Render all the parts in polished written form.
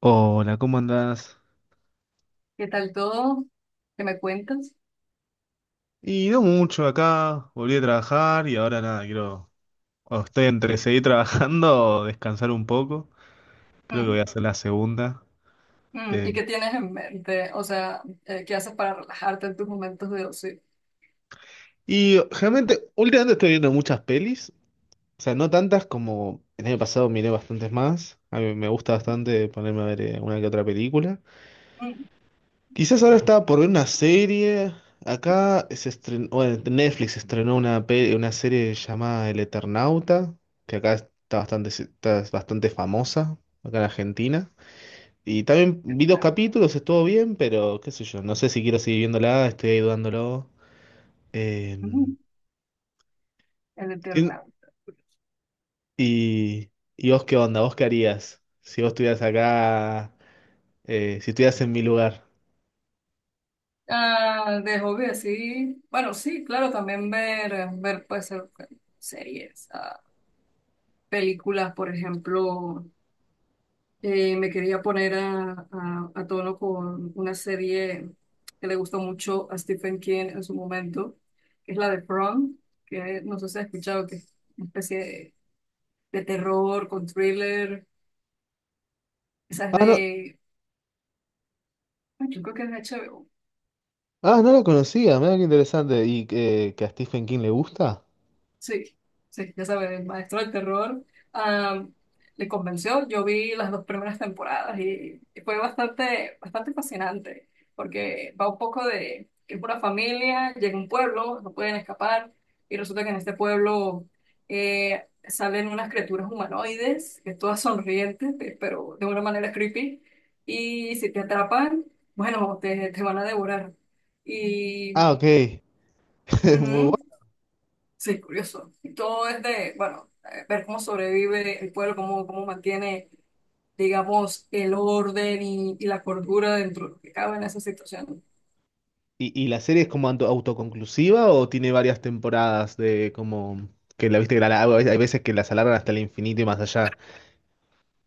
Hola, ¿cómo andás? ¿Qué tal todo? ¿Qué me cuentas? Y no mucho acá, volví a trabajar y ahora nada, quiero... O estoy entre seguir trabajando o descansar un poco. Creo que voy Mm, a hacer la segunda. mm. ¿Y Eh, qué tienes en mente? O sea, ¿qué haces para relajarte en tus momentos de ocio? Y realmente, últimamente estoy viendo muchas pelis. O sea, no tantas como el año pasado, miré bastantes más. A mí me gusta bastante ponerme a ver una que otra película. Mm. Quizás ahora estaba por ver una serie. Acá se estrenó, bueno, Netflix estrenó una, una serie llamada El Eternauta, que acá está bastante famosa, acá en Argentina. Y también vi dos Eternauta. capítulos, estuvo bien, pero qué sé yo, no sé si quiero seguir viéndola, estoy ahí dudándolo. Eh, Mm, El sí, Eternauta. ¿Y vos qué onda? ¿Vos qué harías si vos estuvieras acá, si estuvieras en mi lugar? Ah, de hobby, así. Bueno, sí, claro, también ver, puede ser bueno, series, ah, películas, por ejemplo. Me quería poner a tono con una serie que le gustó mucho a Stephen King en su momento, que es la de From, que no sé si has escuchado, que es una especie de terror con thriller. Esa es Ah, no, de, ay, yo creo que es de HBO. ah, no la conocía, mira qué interesante. ¿Y que a Stephen King le gusta? Sí, sí, ya sabes, el maestro del terror, am, le convenció. Yo vi las dos primeras temporadas y fue bastante, bastante fascinante, porque va un poco de que es una familia, llega a un pueblo, no pueden escapar, y resulta que en este pueblo salen unas criaturas humanoides, que todas sonrientes, pero de una manera creepy, y si te atrapan, bueno, te van a devorar. Y Ah, ok. Muy bueno. ujú. Sí, curioso. Y todo es de, bueno, ver cómo sobrevive el pueblo, cómo, cómo mantiene, digamos, el orden y la cordura dentro de lo que cabe en esa situación. Y la serie es como autoconclusiva o tiene varias temporadas de como que la viste que hay veces que las alargan hasta el infinito y más allá?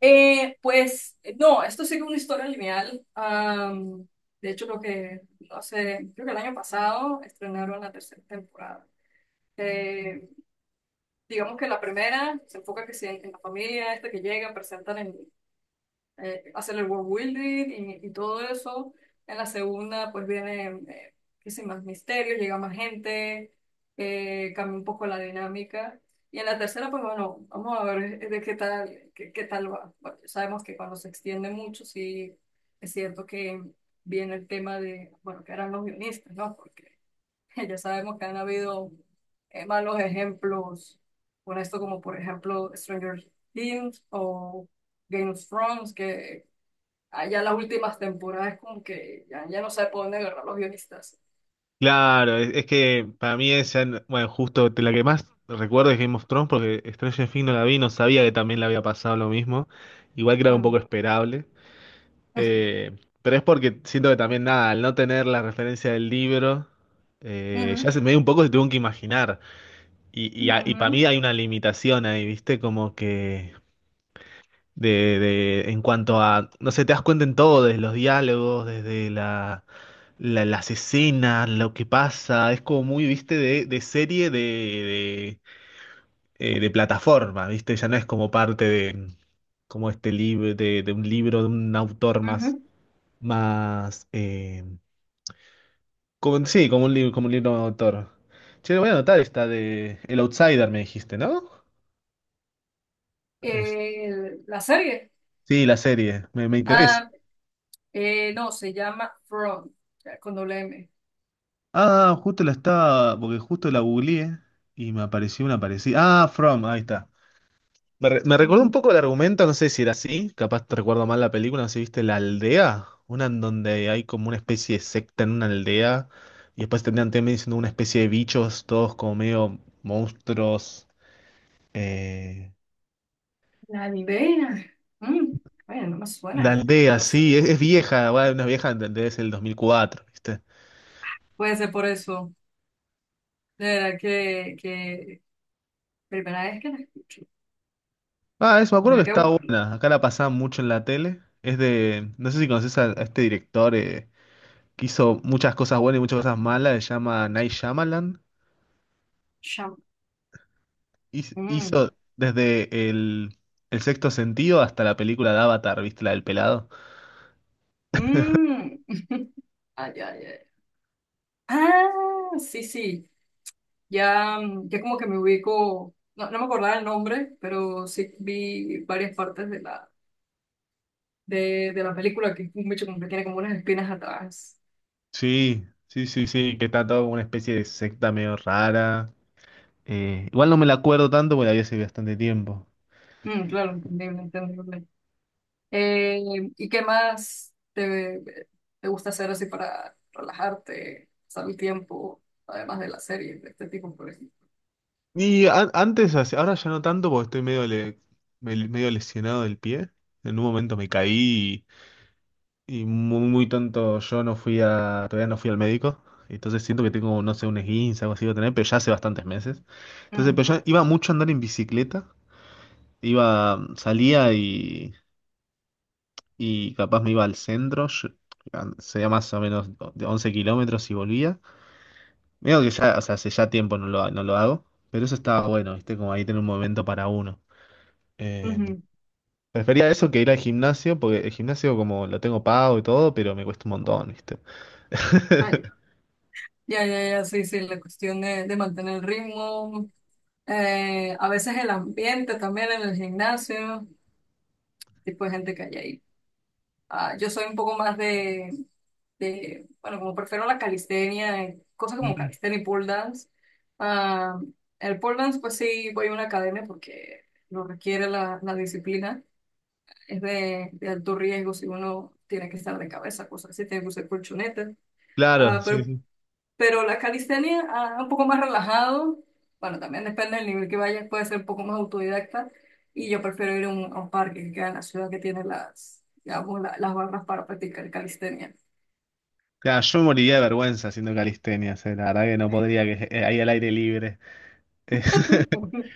No, esto sigue una historia lineal. De hecho, lo que, no sé, creo que el año pasado estrenaron la tercera temporada. Eh, digamos que la primera se enfoca que sí en la familia esta que llega, presentan el, hacer el world building y todo eso. En la segunda, pues vienen qué sé, más misterios, llega más gente, cambia un poco la dinámica. Y en la tercera, pues bueno, vamos a ver de qué tal, qué, qué tal va. Bueno, sabemos que cuando se extiende mucho, sí es cierto que viene el tema de, bueno, que eran los guionistas, ¿no? Porque ya sabemos que han habido malos ejemplos con esto, como por ejemplo Stranger Things o Game of Thrones, que allá las últimas temporadas como que ya, ya no sabe por dónde agarrar los guionistas. Claro, es que para mí esa, bueno, justo de la que más recuerdo es Game of Thrones, porque Stranger Things no la vi, no sabía que también le había pasado lo mismo, igual que era un Mm. poco esperable. Eh, pero es porque siento que también nada, al no tener la referencia del libro, ya Ujú, se me dio un poco, se tuvo que imaginar. Y, y para mí ujú, hay una limitación ahí, ¿viste? Como que de, en cuanto a, no sé, te das cuenta en todo, desde los diálogos, desde la, las escenas, lo que pasa, es como muy, ¿viste? De serie de plataforma, ¿viste? Ya no es como parte de, como este libro, de un libro, de un autor más, ujú. más, como, sí, como un libro de autor. Che, lo voy a anotar esta de El Outsider, me dijiste, ¿no? La serie, Sí, la serie, me interesa. ah, no, se llama From, ya, con doble M. Ah, justo la estaba, porque justo la googleé y me apareció una parecida. Ah, From, ahí está. Me, me recordó un Ujú. poco el argumento, no sé si era así, capaz te recuerdo mal la película, no sé si viste La Aldea, una en donde hay como una especie de secta en una aldea y después terminan también siendo una especie de bichos, todos como medio monstruos. eh, La ni idea. Mm, bueno, no me La suena, Aldea, curioso. sí, es vieja, va, una vieja, entendés, el 2004, ¿viste? Puede ser por eso. De verdad que primera vez que la escucho. Ah, eso, me acuerdo que Tendría que está buscarlo. buena. Acá la pasaban mucho en la tele. Es de. No sé si conoces a este director que hizo muchas cosas buenas y muchas cosas malas. Se llama Night Shyamalan. Cham- mm. Hizo desde el sexto sentido hasta la película de Avatar, ¿viste? La del pelado. Mm. Ay, ay, ay. Ah, sí, sí. Ya, mm, ya como que me ubico. No, no me acordaba el nombre, pero sí vi varias partes de la película que es un bicho como que tiene como unas espinas atrás. Sí, sí, sí, sí. Que está todo como una especie de secta medio rara. Igual no me la acuerdo tanto porque la vi hace bastante tiempo. Mm, claro, entendible, entendible. ¿Y qué más te, te gusta hacer así para relajarte, pasar el tiempo, además de la serie de este tipo, por ejemplo? Y antes, ahora ya no tanto porque estoy medio, medio lesionado del pie. En un momento me caí y muy, muy tonto, yo no fui a, todavía no fui al médico, entonces siento que tengo, no sé, un esguince, algo así voy a tener, pero ya hace bastantes meses. Entonces, pero Mm. yo iba mucho a andar en bicicleta, iba, salía y capaz me iba al centro, sería más o menos de 11 km y volvía. Veo que ya, o sea, hace ya tiempo no lo, no lo hago, pero eso estaba bueno, ¿viste? Como ahí tener un momento para uno. Eh, Ujú. Prefería eso que ir al gimnasio, porque el gimnasio como lo tengo pago y todo, pero me cuesta un montón, ¿viste? Ah, ya. Ya, ya, ya, sí, sí, la cuestión de mantener el ritmo, a veces el ambiente también en el gimnasio, tipo de gente que hay ahí. Ah, yo soy un poco más de, bueno, como prefiero la calistenia, cosas como calistenia y pole dance. Ah, el pole dance, pues sí, voy a una academia porque lo requiere la, la disciplina, es de alto riesgo si uno tiene que estar de cabeza, cosas así, tiene que usar colchonetas. Claro, ah sí, pero sí. Pero la calistenia, ah, un poco más relajado, bueno, también depende del nivel que vayas, puede ser un poco más autodidacta, y yo prefiero ir a un parque que queda en la ciudad que tiene las, digamos, las barras para practicar calistenia. Claro, yo moriría de vergüenza haciendo calistenia. La verdad que no podría, que ahí al aire libre. Eh,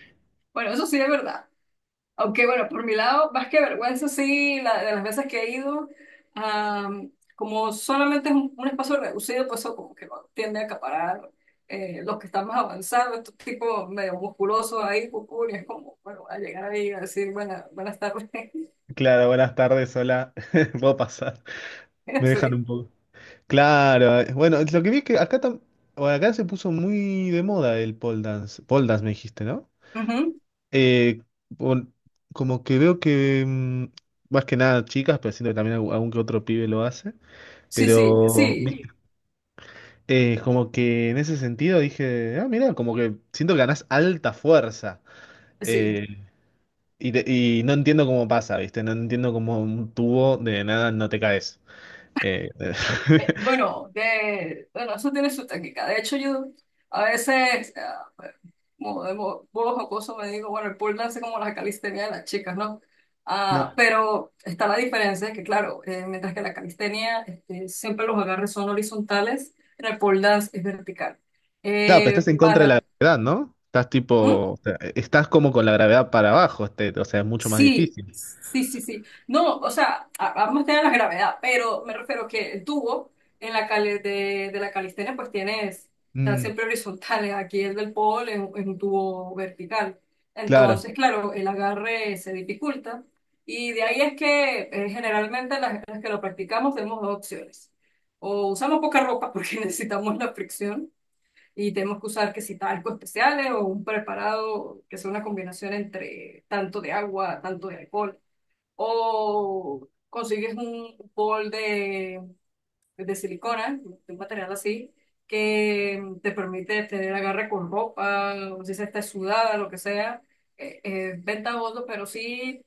Bueno, eso sí es verdad. Aunque bueno, por mi lado, más que vergüenza, sí, de las veces que he ido, como solamente es un espacio reducido, pues eso como que no tiende a acaparar los que están más avanzados, estos tipos medio musculosos ahí, cucú, y es como, bueno, a llegar ahí a decir, bueno, buenas tardes. claro, buenas tardes, hola. Puedo pasar. Me dejan Sí. un poco. Claro, bueno, lo que vi es que acá, bueno, acá se puso muy de moda el pole dance. Pole dance me dijiste, ¿no? Ujú. Eh, pon- Como que veo que mm, más que nada chicas, pero siento que también algún que otro pibe lo hace. Sí, sí, Pero sí, vi eh, como que en ese sentido dije, ah, mira, como que siento que ganás alta fuerza. sí. Eh, y, y no entiendo cómo pasa, ¿viste? No entiendo cómo un tubo de nada no te caes. Eh, Bueno, de, bueno, eso tiene su técnica. De hecho, yo a veces, ah, como de modo jocoso, me digo, bueno, el pole dance es como la calistenia de las chicas, ¿no? no. Ah, pero está la diferencia, que claro, mientras que la calistenia este, siempre los agarres son horizontales, en el pole dance es vertical. Claro, pero estás Eh, en contra de la para, gravedad, ¿no? Estás tipo, ¿Mm? o sea, estás como con la gravedad para abajo, este, o sea, es mucho más Sí, difícil. sí, sí, sí. No, o sea, a- vamos a tener la gravedad, pero me refiero que el tubo en la de la calistenia pues tienes, están Mm, siempre horizontales. Aquí el del pole es un tubo vertical. claro, Entonces, claro, el agarre se dificulta y de ahí es que generalmente las que lo practicamos tenemos dos opciones. O usamos poca ropa porque necesitamos la fricción y tenemos que usar que si talcos especiales o un preparado que sea una combinación entre tanto de agua, tanto de alcohol. O consigues un bol de silicona, de un material así, que te permite tener agarre con ropa, o si se está sudada, lo que sea. Eh, eh, bondos, pero sí,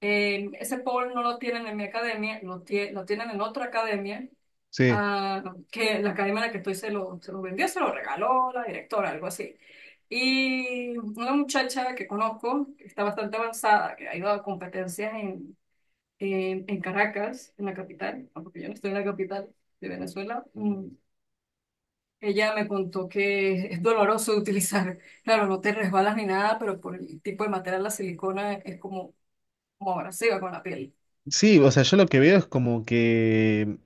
ese bol no lo tienen en mi academia, lo, lo tienen en otra academia, sí. ah, que la academia en la que estoy se lo vendió, se lo regaló la directora, algo así. Y una muchacha que conozco, que está bastante avanzada, que ha ido a competencias en Caracas, en la capital, porque yo no estoy en la capital de Venezuela, mm, ella me contó que es doloroso de utilizar, claro, no te resbalas ni nada, pero por el tipo de material, la silicona es como, como abrasiva con la piel. Sí, o sea, yo lo que veo es como que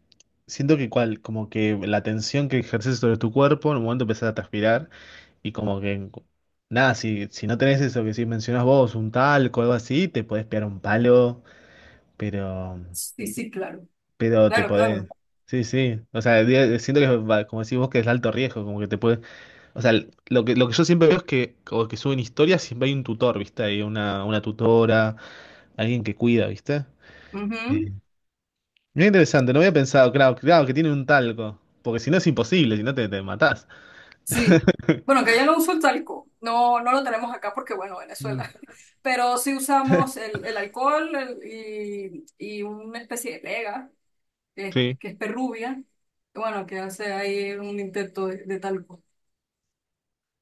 siento que cual, como que la tensión que ejerces sobre tu cuerpo en un momento empezás a transpirar y como que nada, si, si no tenés eso que si mencionás vos, un talco o algo así, te podés pegar un palo, pero Sí, sí, claro, pero te claro, podés. claro. Sí, sí. O sea, siento que como decís vos que es alto riesgo, como que te puedes, o sea, lo que yo siempre veo es que como que suben historias, siempre hay un tutor, ¿viste? Hay una tutora, alguien que cuida, ¿viste? Ujú. Muy interesante, no había pensado, claro, claro, que tiene un talco. Porque si no es imposible, si no te, te matás. Sí. Bueno, que ya no uso el talco. No, no lo tenemos acá porque, bueno, Mm, Venezuela. Pero sí usamos el alcohol y una especie de pega, sí. que es perrubia. Bueno, que hace ahí un intento de talco.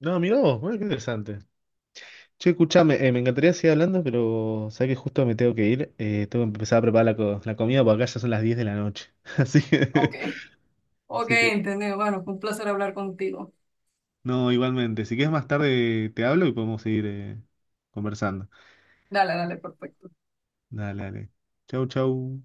No, mirá vos, bueno, qué interesante. Che, escuchame, me encantaría seguir hablando, pero sabés que justo me tengo que ir. Tengo que empezar a preparar la, la comida porque acá ya son las 10 de la noche. Así Ok. que, Ok, así que, entendido. Bueno, fue un placer hablar contigo. no, igualmente. Si quieres más tarde te hablo y podemos seguir conversando. Dale, dale, perfecto. Dale, dale. Chau, chau.